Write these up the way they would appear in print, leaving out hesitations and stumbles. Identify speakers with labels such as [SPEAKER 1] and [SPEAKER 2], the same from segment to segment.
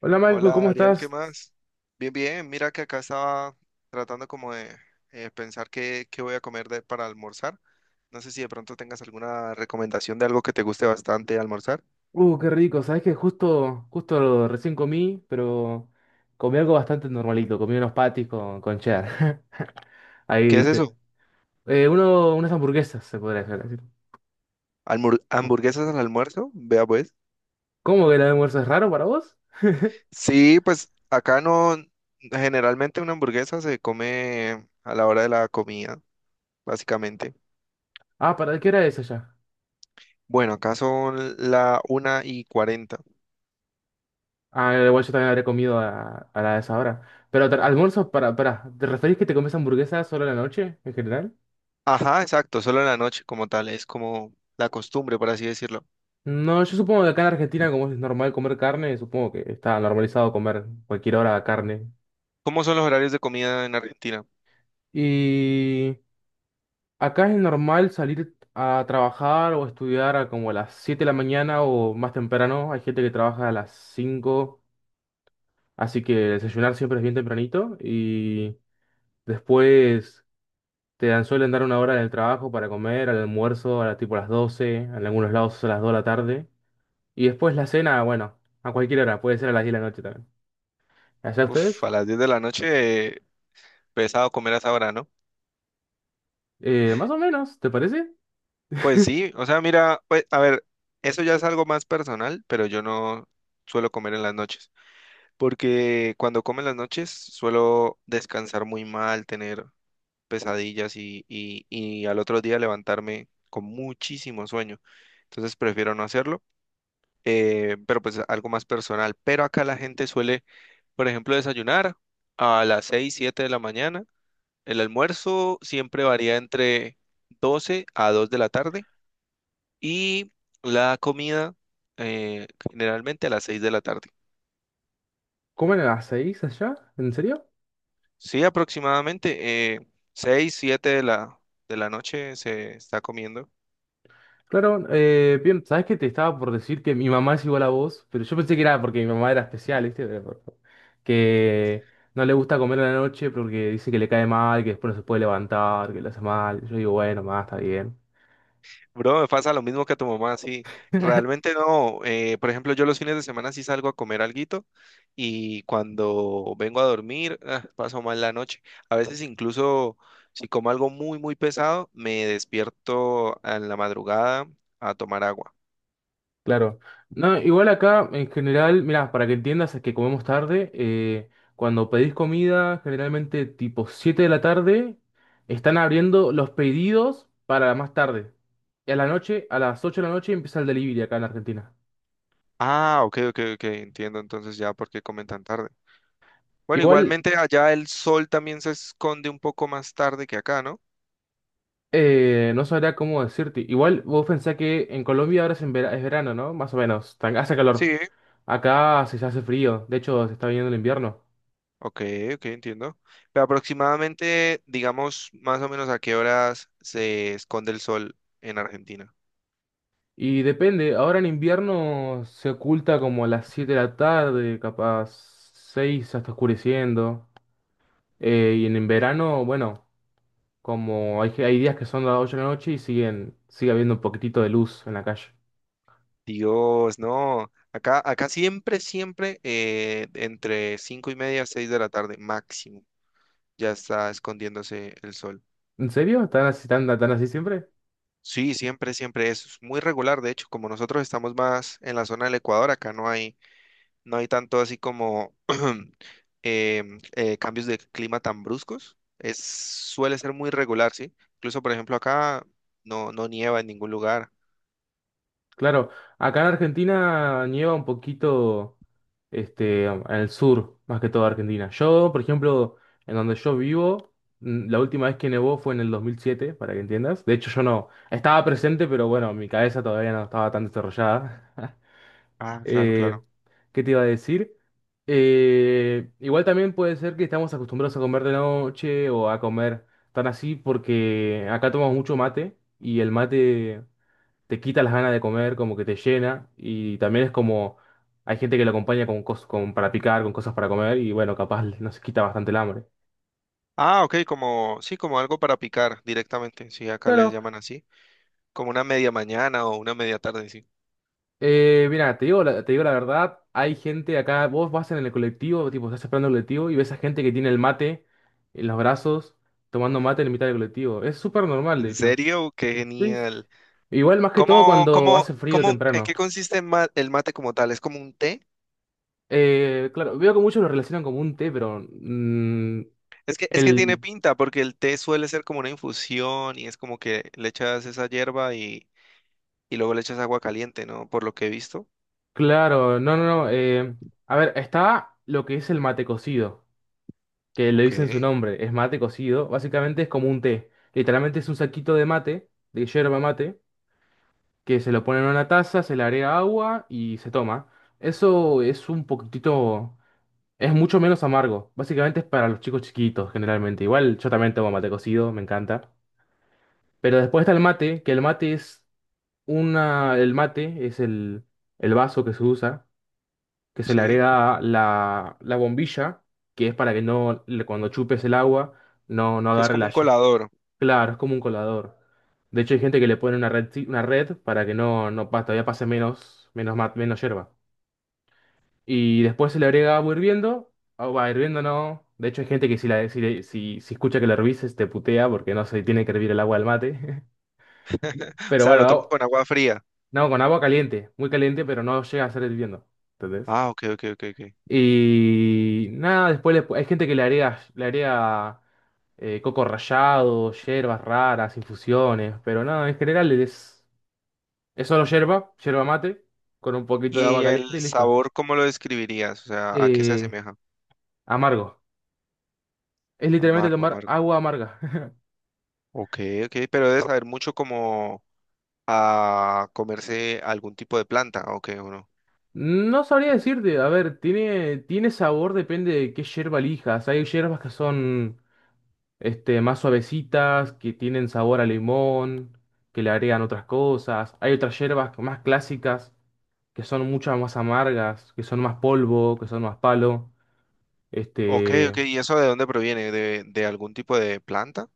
[SPEAKER 1] Hola Michael,
[SPEAKER 2] Hola
[SPEAKER 1] ¿cómo
[SPEAKER 2] Ariel, ¿qué
[SPEAKER 1] estás?
[SPEAKER 2] más? Bien, bien, mira que acá estaba tratando como de pensar qué voy a comer para almorzar. No sé si de pronto tengas alguna recomendación de algo que te guste bastante almorzar.
[SPEAKER 1] Qué rico, sabes que justo recién comí, pero comí algo bastante normalito, comí unos patis con cheddar. Ahí
[SPEAKER 2] ¿Qué es
[SPEAKER 1] viste.
[SPEAKER 2] eso?
[SPEAKER 1] Unas hamburguesas, se podría decir.
[SPEAKER 2] ¿Hamburguesas al almuerzo? Vea pues.
[SPEAKER 1] ¿Cómo que el almuerzo es raro para vos?
[SPEAKER 2] Sí, pues acá no, generalmente una hamburguesa se come a la hora de la comida, básicamente.
[SPEAKER 1] Ah, ¿para qué hora es allá?
[SPEAKER 2] Bueno, acá son la 1:40.
[SPEAKER 1] Ah, igual yo también habré comido a la de esa hora. Pero almuerzo ¿te referís que te comes hamburguesas solo a la noche, en general?
[SPEAKER 2] Ajá, exacto, solo en la noche como tal, es como la costumbre, por así decirlo.
[SPEAKER 1] No, yo supongo que acá en Argentina, como es normal comer carne, supongo que está normalizado comer cualquier hora carne.
[SPEAKER 2] ¿Cómo son los horarios de comida en Argentina?
[SPEAKER 1] Y acá es normal salir a trabajar o estudiar a como a las 7 de la mañana o más temprano. Hay gente que trabaja a las cinco, así que desayunar siempre es bien tempranito. Y después te dan, suelen dar una hora en el trabajo para comer, al almuerzo, tipo a las 12 en algunos lados, a las 2 de la tarde. Y después la cena, bueno, a cualquier hora, puede ser a las 10 de la noche también. ¿Allá
[SPEAKER 2] Uf, a
[SPEAKER 1] ustedes?
[SPEAKER 2] las 10 de la noche, eh, pesado comer a esa hora, ¿no?
[SPEAKER 1] Más o menos, ¿te parece?
[SPEAKER 2] Pues sí, o sea, mira, pues, a ver, eso ya es algo más personal, pero yo no suelo comer en las noches, porque cuando como en las noches suelo descansar muy mal, tener pesadillas y al otro día levantarme con muchísimo sueño. Entonces prefiero no hacerlo, pero pues algo más personal. Pero acá la gente suele, por ejemplo, desayunar a las 6 7 de la mañana. El almuerzo siempre varía entre 12 a 2 de la tarde y la comida, eh, generalmente a las 6 de la tarde.
[SPEAKER 1] ¿Comen a las 6 allá? ¿En serio?
[SPEAKER 2] Sí, aproximadamente 6, 7 de la noche se está comiendo.
[SPEAKER 1] Claro, bien, sabes que te estaba por decir que mi mamá es igual a vos, pero yo pensé que era porque mi mamá era especial, ¿viste? Que no le gusta comer a la noche porque dice que le cae mal, que después no se puede levantar, que le hace mal. Yo digo, bueno, mamá, está bien.
[SPEAKER 2] Bro, me pasa lo mismo que a tu mamá, sí. Realmente no. Por ejemplo, yo los fines de semana sí salgo a comer alguito y cuando vengo a dormir, ah, paso mal la noche. A veces incluso si como algo muy, muy pesado, me despierto en la madrugada a tomar agua.
[SPEAKER 1] Claro. No, igual acá, en general, mira, para que entiendas es que comemos tarde, cuando pedís comida, generalmente tipo 7 de la tarde, están abriendo los pedidos para más tarde. Y a la noche, a las 8 de la noche empieza el delivery acá en la Argentina.
[SPEAKER 2] Ah, ok, ok, ok, entiendo entonces ya por qué comen tan tarde. Bueno,
[SPEAKER 1] Igual
[SPEAKER 2] igualmente allá el sol también se esconde un poco más tarde que acá, ¿no?
[SPEAKER 1] No sabría cómo decirte. Igual vos pensás que en Colombia ahora es, en es verano, ¿no? Más o menos. Hace calor.
[SPEAKER 2] Sí.
[SPEAKER 1] Acá se hace frío. De hecho, se está viniendo el invierno.
[SPEAKER 2] Ok, ok, entiendo. Pero aproximadamente, digamos, más o menos, ¿a qué horas se esconde el sol en Argentina?
[SPEAKER 1] Y depende. Ahora en invierno se oculta como a las 7 de la tarde, capaz 6 hasta oscureciendo. Y en verano, bueno, como hay días que son las 8 de la noche y sigue habiendo un poquitito de luz en la calle.
[SPEAKER 2] Dios, no. Acá, siempre, siempre entre 5:30, 6 de la tarde máximo, ya está escondiéndose el sol.
[SPEAKER 1] ¿En serio? ¿Están así, tan así siempre?
[SPEAKER 2] Sí, siempre, siempre es muy regular. De hecho, como nosotros estamos más en la zona del Ecuador, acá no hay tanto así como cambios de clima tan bruscos. Es, suele ser muy regular, ¿sí? Incluso, por ejemplo, acá no, no nieva en ningún lugar.
[SPEAKER 1] Claro. Acá en Argentina nieva un poquito. Este, en el sur, más que todo Argentina. Yo, por ejemplo, en donde yo vivo, la última vez que nevó fue en el 2007, para que entiendas. De hecho, yo no estaba presente, pero bueno, mi cabeza todavía no estaba tan desarrollada.
[SPEAKER 2] Ah, claro,
[SPEAKER 1] Eh,
[SPEAKER 2] claro.
[SPEAKER 1] ¿qué te iba a decir? Igual también puede ser que estamos acostumbrados a comer de noche o a comer tan así porque acá tomamos mucho mate y el mate te quita las ganas de comer, como que te llena. Y también es como, hay gente que lo acompaña con cosas para picar, con cosas para comer, y bueno, capaz nos quita bastante el hambre.
[SPEAKER 2] Ah, ok, como, sí, como algo para picar directamente, sí, acá les
[SPEAKER 1] Claro,
[SPEAKER 2] llaman así, como una media mañana o una media tarde, sí.
[SPEAKER 1] mira, te digo, te digo la verdad, hay gente acá, vos vas en el colectivo, tipo, estás esperando el colectivo y ves a gente que tiene el mate en los brazos, tomando mate en mitad del colectivo. Es súper normal, de
[SPEAKER 2] ¿En
[SPEAKER 1] hecho.
[SPEAKER 2] serio? ¡Qué
[SPEAKER 1] Sí, sí, sí.
[SPEAKER 2] genial!
[SPEAKER 1] Igual más que todo
[SPEAKER 2] ¿Cómo,
[SPEAKER 1] cuando
[SPEAKER 2] cómo,
[SPEAKER 1] hace frío
[SPEAKER 2] cómo, en
[SPEAKER 1] temprano.
[SPEAKER 2] qué consiste el mate como tal? ¿Es como un té?
[SPEAKER 1] Claro, veo que muchos lo relacionan como un té, pero
[SPEAKER 2] Es que tiene
[SPEAKER 1] el,
[SPEAKER 2] pinta, porque el té suele ser como una infusión y es como que le echas esa hierba y luego le echas agua caliente, ¿no? Por lo que he visto.
[SPEAKER 1] claro, no, no, no. A ver, está lo que es el mate cocido, que le
[SPEAKER 2] Ok,
[SPEAKER 1] dicen su nombre, es mate cocido. Básicamente es como un té. Literalmente es un saquito de mate, de yerba mate, que se lo pone en una taza, se le agrega agua y se toma. Eso es un poquitito, es mucho menos amargo. Básicamente es para los chicos chiquitos, generalmente. Igual yo también tomo mate cocido, me encanta. Pero después está el mate, que el mate es el vaso que se usa, que se le
[SPEAKER 2] sí.
[SPEAKER 1] agrega la bombilla, que es para que no, le- cuando chupes el agua, no
[SPEAKER 2] Que es
[SPEAKER 1] agarre
[SPEAKER 2] como
[SPEAKER 1] la...
[SPEAKER 2] un colador.
[SPEAKER 1] Claro, es como un colador. De hecho, hay gente que le pone una red para que no, no pa- todavía pase menos, menos hierba. Y después se le agrega agua hirviendo. Agua hirviendo no. De hecho, hay gente que si, la, si, le- si, si escucha que la hervises te putea porque no se tiene que hervir el agua del mate.
[SPEAKER 2] O
[SPEAKER 1] Pero
[SPEAKER 2] sea,
[SPEAKER 1] bueno,
[SPEAKER 2] lo tomas
[SPEAKER 1] no,
[SPEAKER 2] con agua fría.
[SPEAKER 1] no, con agua caliente, muy caliente, pero no llega a ser hirviendo. ¿Entendés?
[SPEAKER 2] Ah, ok, ok, ok, ok.
[SPEAKER 1] Y nada, hay gente que le agrega coco rallado, hierbas raras, infusiones, pero nada, en general es solo hierba, hierba mate, con un poquito de agua
[SPEAKER 2] ¿Y el
[SPEAKER 1] caliente y listo.
[SPEAKER 2] sabor, cómo lo describirías? O sea, ¿a qué se
[SPEAKER 1] Eh,
[SPEAKER 2] asemeja?
[SPEAKER 1] amargo. Es literalmente
[SPEAKER 2] Amargo,
[SPEAKER 1] tomar
[SPEAKER 2] amargo.
[SPEAKER 1] agua amarga.
[SPEAKER 2] Ok, ok, pero debe saber mucho como a comerse algún tipo de planta, ok, o no.
[SPEAKER 1] No sabría decirte, a ver, tiene sabor, depende de qué hierba elijas. Hay hierbas que son este, más suavecitas, que tienen sabor a limón, que le agregan otras cosas. Hay otras hierbas más clásicas, que son muchas más amargas, que son más polvo, que son más palo.
[SPEAKER 2] Ok,
[SPEAKER 1] Este,
[SPEAKER 2] ok, ¿y eso de dónde proviene? ¿De algún tipo de planta?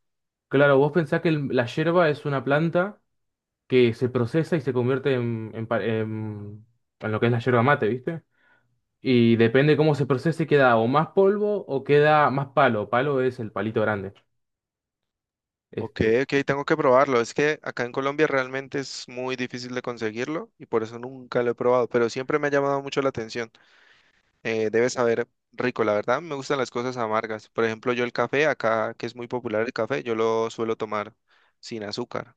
[SPEAKER 1] claro, vos pensás que la hierba es una planta que se procesa y se convierte en lo que es la hierba mate, ¿viste? Y depende cómo se procese, queda o más polvo o queda más palo. Palo es el palito grande.
[SPEAKER 2] Ok,
[SPEAKER 1] Este,
[SPEAKER 2] ok, tengo que probarlo. Es que acá en Colombia realmente es muy difícil de conseguirlo y por eso nunca lo he probado, pero siempre me ha llamado mucho la atención. Debes saber rico, la verdad, me gustan las cosas amargas. Por ejemplo, yo el café, acá que es muy popular el café, yo lo suelo tomar sin azúcar.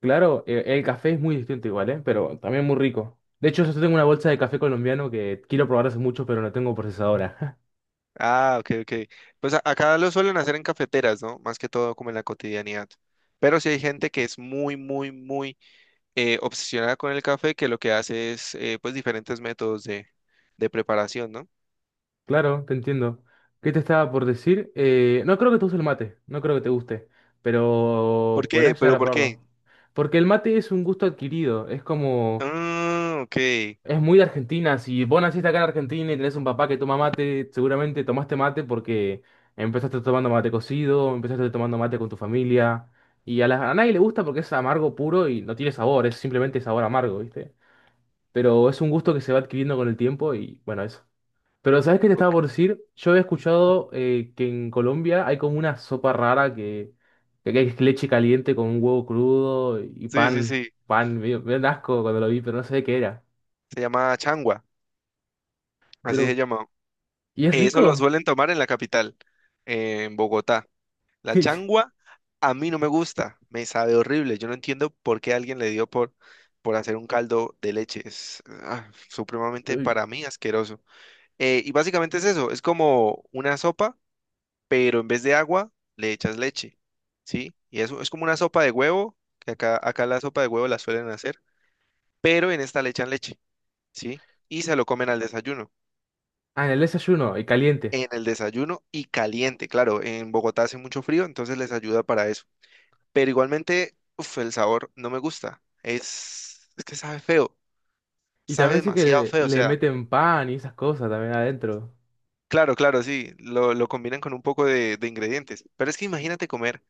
[SPEAKER 1] claro, el café es muy distinto igual, ¿eh? Pero también muy rico. De hecho, yo tengo una bolsa de café colombiano que quiero probar hace mucho, pero no tengo procesadora.
[SPEAKER 2] Ah, ok, ok. Pues acá lo suelen hacer en cafeteras, ¿no? Más que todo como en la cotidianidad. Pero sí hay gente que es muy, muy, muy obsesionada con el café, que lo que hace es pues diferentes métodos de preparación, ¿no?
[SPEAKER 1] Claro, te entiendo. ¿Qué te estaba por decir? No creo que te guste el mate, no creo que te guste,
[SPEAKER 2] ¿Por
[SPEAKER 1] pero
[SPEAKER 2] qué?
[SPEAKER 1] podrás llegar
[SPEAKER 2] ¿Pero
[SPEAKER 1] a
[SPEAKER 2] por qué?
[SPEAKER 1] probarlo. Porque el mate es un gusto adquirido, es como...
[SPEAKER 2] Ah, ok.
[SPEAKER 1] Es muy de Argentina. Si vos naciste acá en Argentina y tenés un papá que toma mate, seguramente tomaste mate porque empezaste tomando mate cocido, empezaste tomando mate con tu familia. Y a nadie le gusta porque es amargo puro y no tiene sabor, es simplemente sabor amargo, ¿viste? Pero es un gusto que se va adquiriendo con el tiempo y bueno, eso. Pero ¿sabes qué te
[SPEAKER 2] Ok,
[SPEAKER 1] estaba por decir? Yo he escuchado que en Colombia hay como una sopa rara que es leche caliente con un huevo crudo y
[SPEAKER 2] sí, sí,
[SPEAKER 1] pan,
[SPEAKER 2] sí.
[SPEAKER 1] pan, me dio un asco cuando lo vi, pero no sé qué era.
[SPEAKER 2] Se llama changua, así se
[SPEAKER 1] Pero
[SPEAKER 2] llama.
[SPEAKER 1] y es
[SPEAKER 2] Eso lo
[SPEAKER 1] rico.
[SPEAKER 2] suelen tomar en la capital, en Bogotá. La changua a mí no me gusta, me sabe horrible. Yo no entiendo por qué alguien le dio por hacer un caldo de leche. Es supremamente
[SPEAKER 1] Uy.
[SPEAKER 2] para mí asqueroso. Y básicamente es eso, es como una sopa, pero en vez de agua le echas leche, ¿sí? Y eso es como una sopa de huevo, que acá la sopa de huevo la suelen hacer pero en esta le echan leche, ¿sí? Y se lo comen al desayuno,
[SPEAKER 1] Ah, en el desayuno, y caliente.
[SPEAKER 2] en el desayuno y caliente, claro, en Bogotá hace mucho frío, entonces les ayuda para eso. Pero igualmente, uf, el sabor no me gusta, es que sabe feo,
[SPEAKER 1] Y
[SPEAKER 2] sabe
[SPEAKER 1] también sé que
[SPEAKER 2] demasiado feo, o
[SPEAKER 1] le
[SPEAKER 2] sea,
[SPEAKER 1] meten pan y esas cosas también adentro.
[SPEAKER 2] claro, claro, sí, lo combinan con un poco de ingredientes, pero es que imagínate comer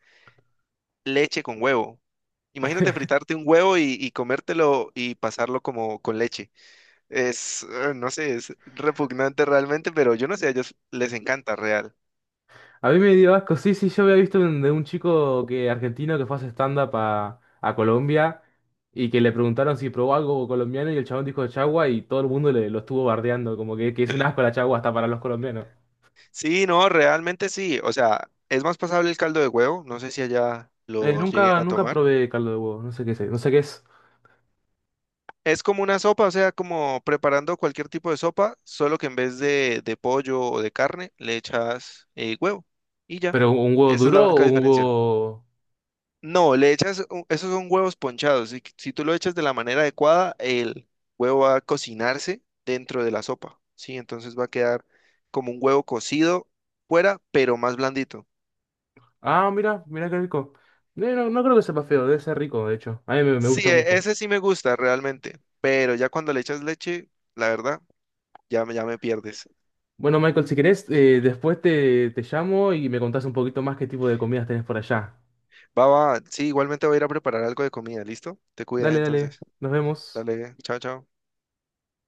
[SPEAKER 2] leche con huevo. Imagínate fritarte un huevo y comértelo y pasarlo como con leche. No sé, es repugnante realmente, pero yo no sé, a ellos les encanta real.
[SPEAKER 1] A mí me dio asco, sí, sí, yo había visto de un chico que, argentino, que fue a hacer stand-up a Colombia y que le preguntaron si probó algo colombiano y el chabón dijo chagua y todo el mundo lo estuvo bardeando, como que es un asco la chagua hasta para los colombianos.
[SPEAKER 2] Sí, no, realmente sí. O sea, es más pasable el caldo de huevo. No sé si allá los lleguen
[SPEAKER 1] Nunca,
[SPEAKER 2] a
[SPEAKER 1] nunca
[SPEAKER 2] tomar.
[SPEAKER 1] probé caldo de huevo, no sé qué es, no sé qué es.
[SPEAKER 2] Es como una sopa, o sea, como preparando cualquier tipo de sopa, solo que en vez de pollo o de carne, le echas huevo y ya.
[SPEAKER 1] ¿Pero un huevo
[SPEAKER 2] Esa es la
[SPEAKER 1] duro
[SPEAKER 2] única
[SPEAKER 1] o un
[SPEAKER 2] diferencia.
[SPEAKER 1] huevo
[SPEAKER 2] No, le echas, esos son huevos ponchados. Si tú lo echas de la manera adecuada, el huevo va a cocinarse dentro de la sopa. Sí, entonces va a quedar como un huevo cocido fuera, pero más blandito.
[SPEAKER 1] Ah, mira, mira qué rico. No, no creo que sepa feo, debe ser rico, de hecho. A mí me
[SPEAKER 2] Sí,
[SPEAKER 1] gusta mucho.
[SPEAKER 2] ese sí me gusta realmente, pero ya cuando le echas leche, la verdad, ya me pierdes.
[SPEAKER 1] Bueno, Michael, si querés, después te llamo y me contás un poquito más qué tipo de comidas tenés por allá.
[SPEAKER 2] Va, va, sí, igualmente voy a ir a preparar algo de comida, ¿listo? Te cuidas
[SPEAKER 1] Dale,
[SPEAKER 2] entonces.
[SPEAKER 1] dale, nos vemos.
[SPEAKER 2] Dale, chao, chao.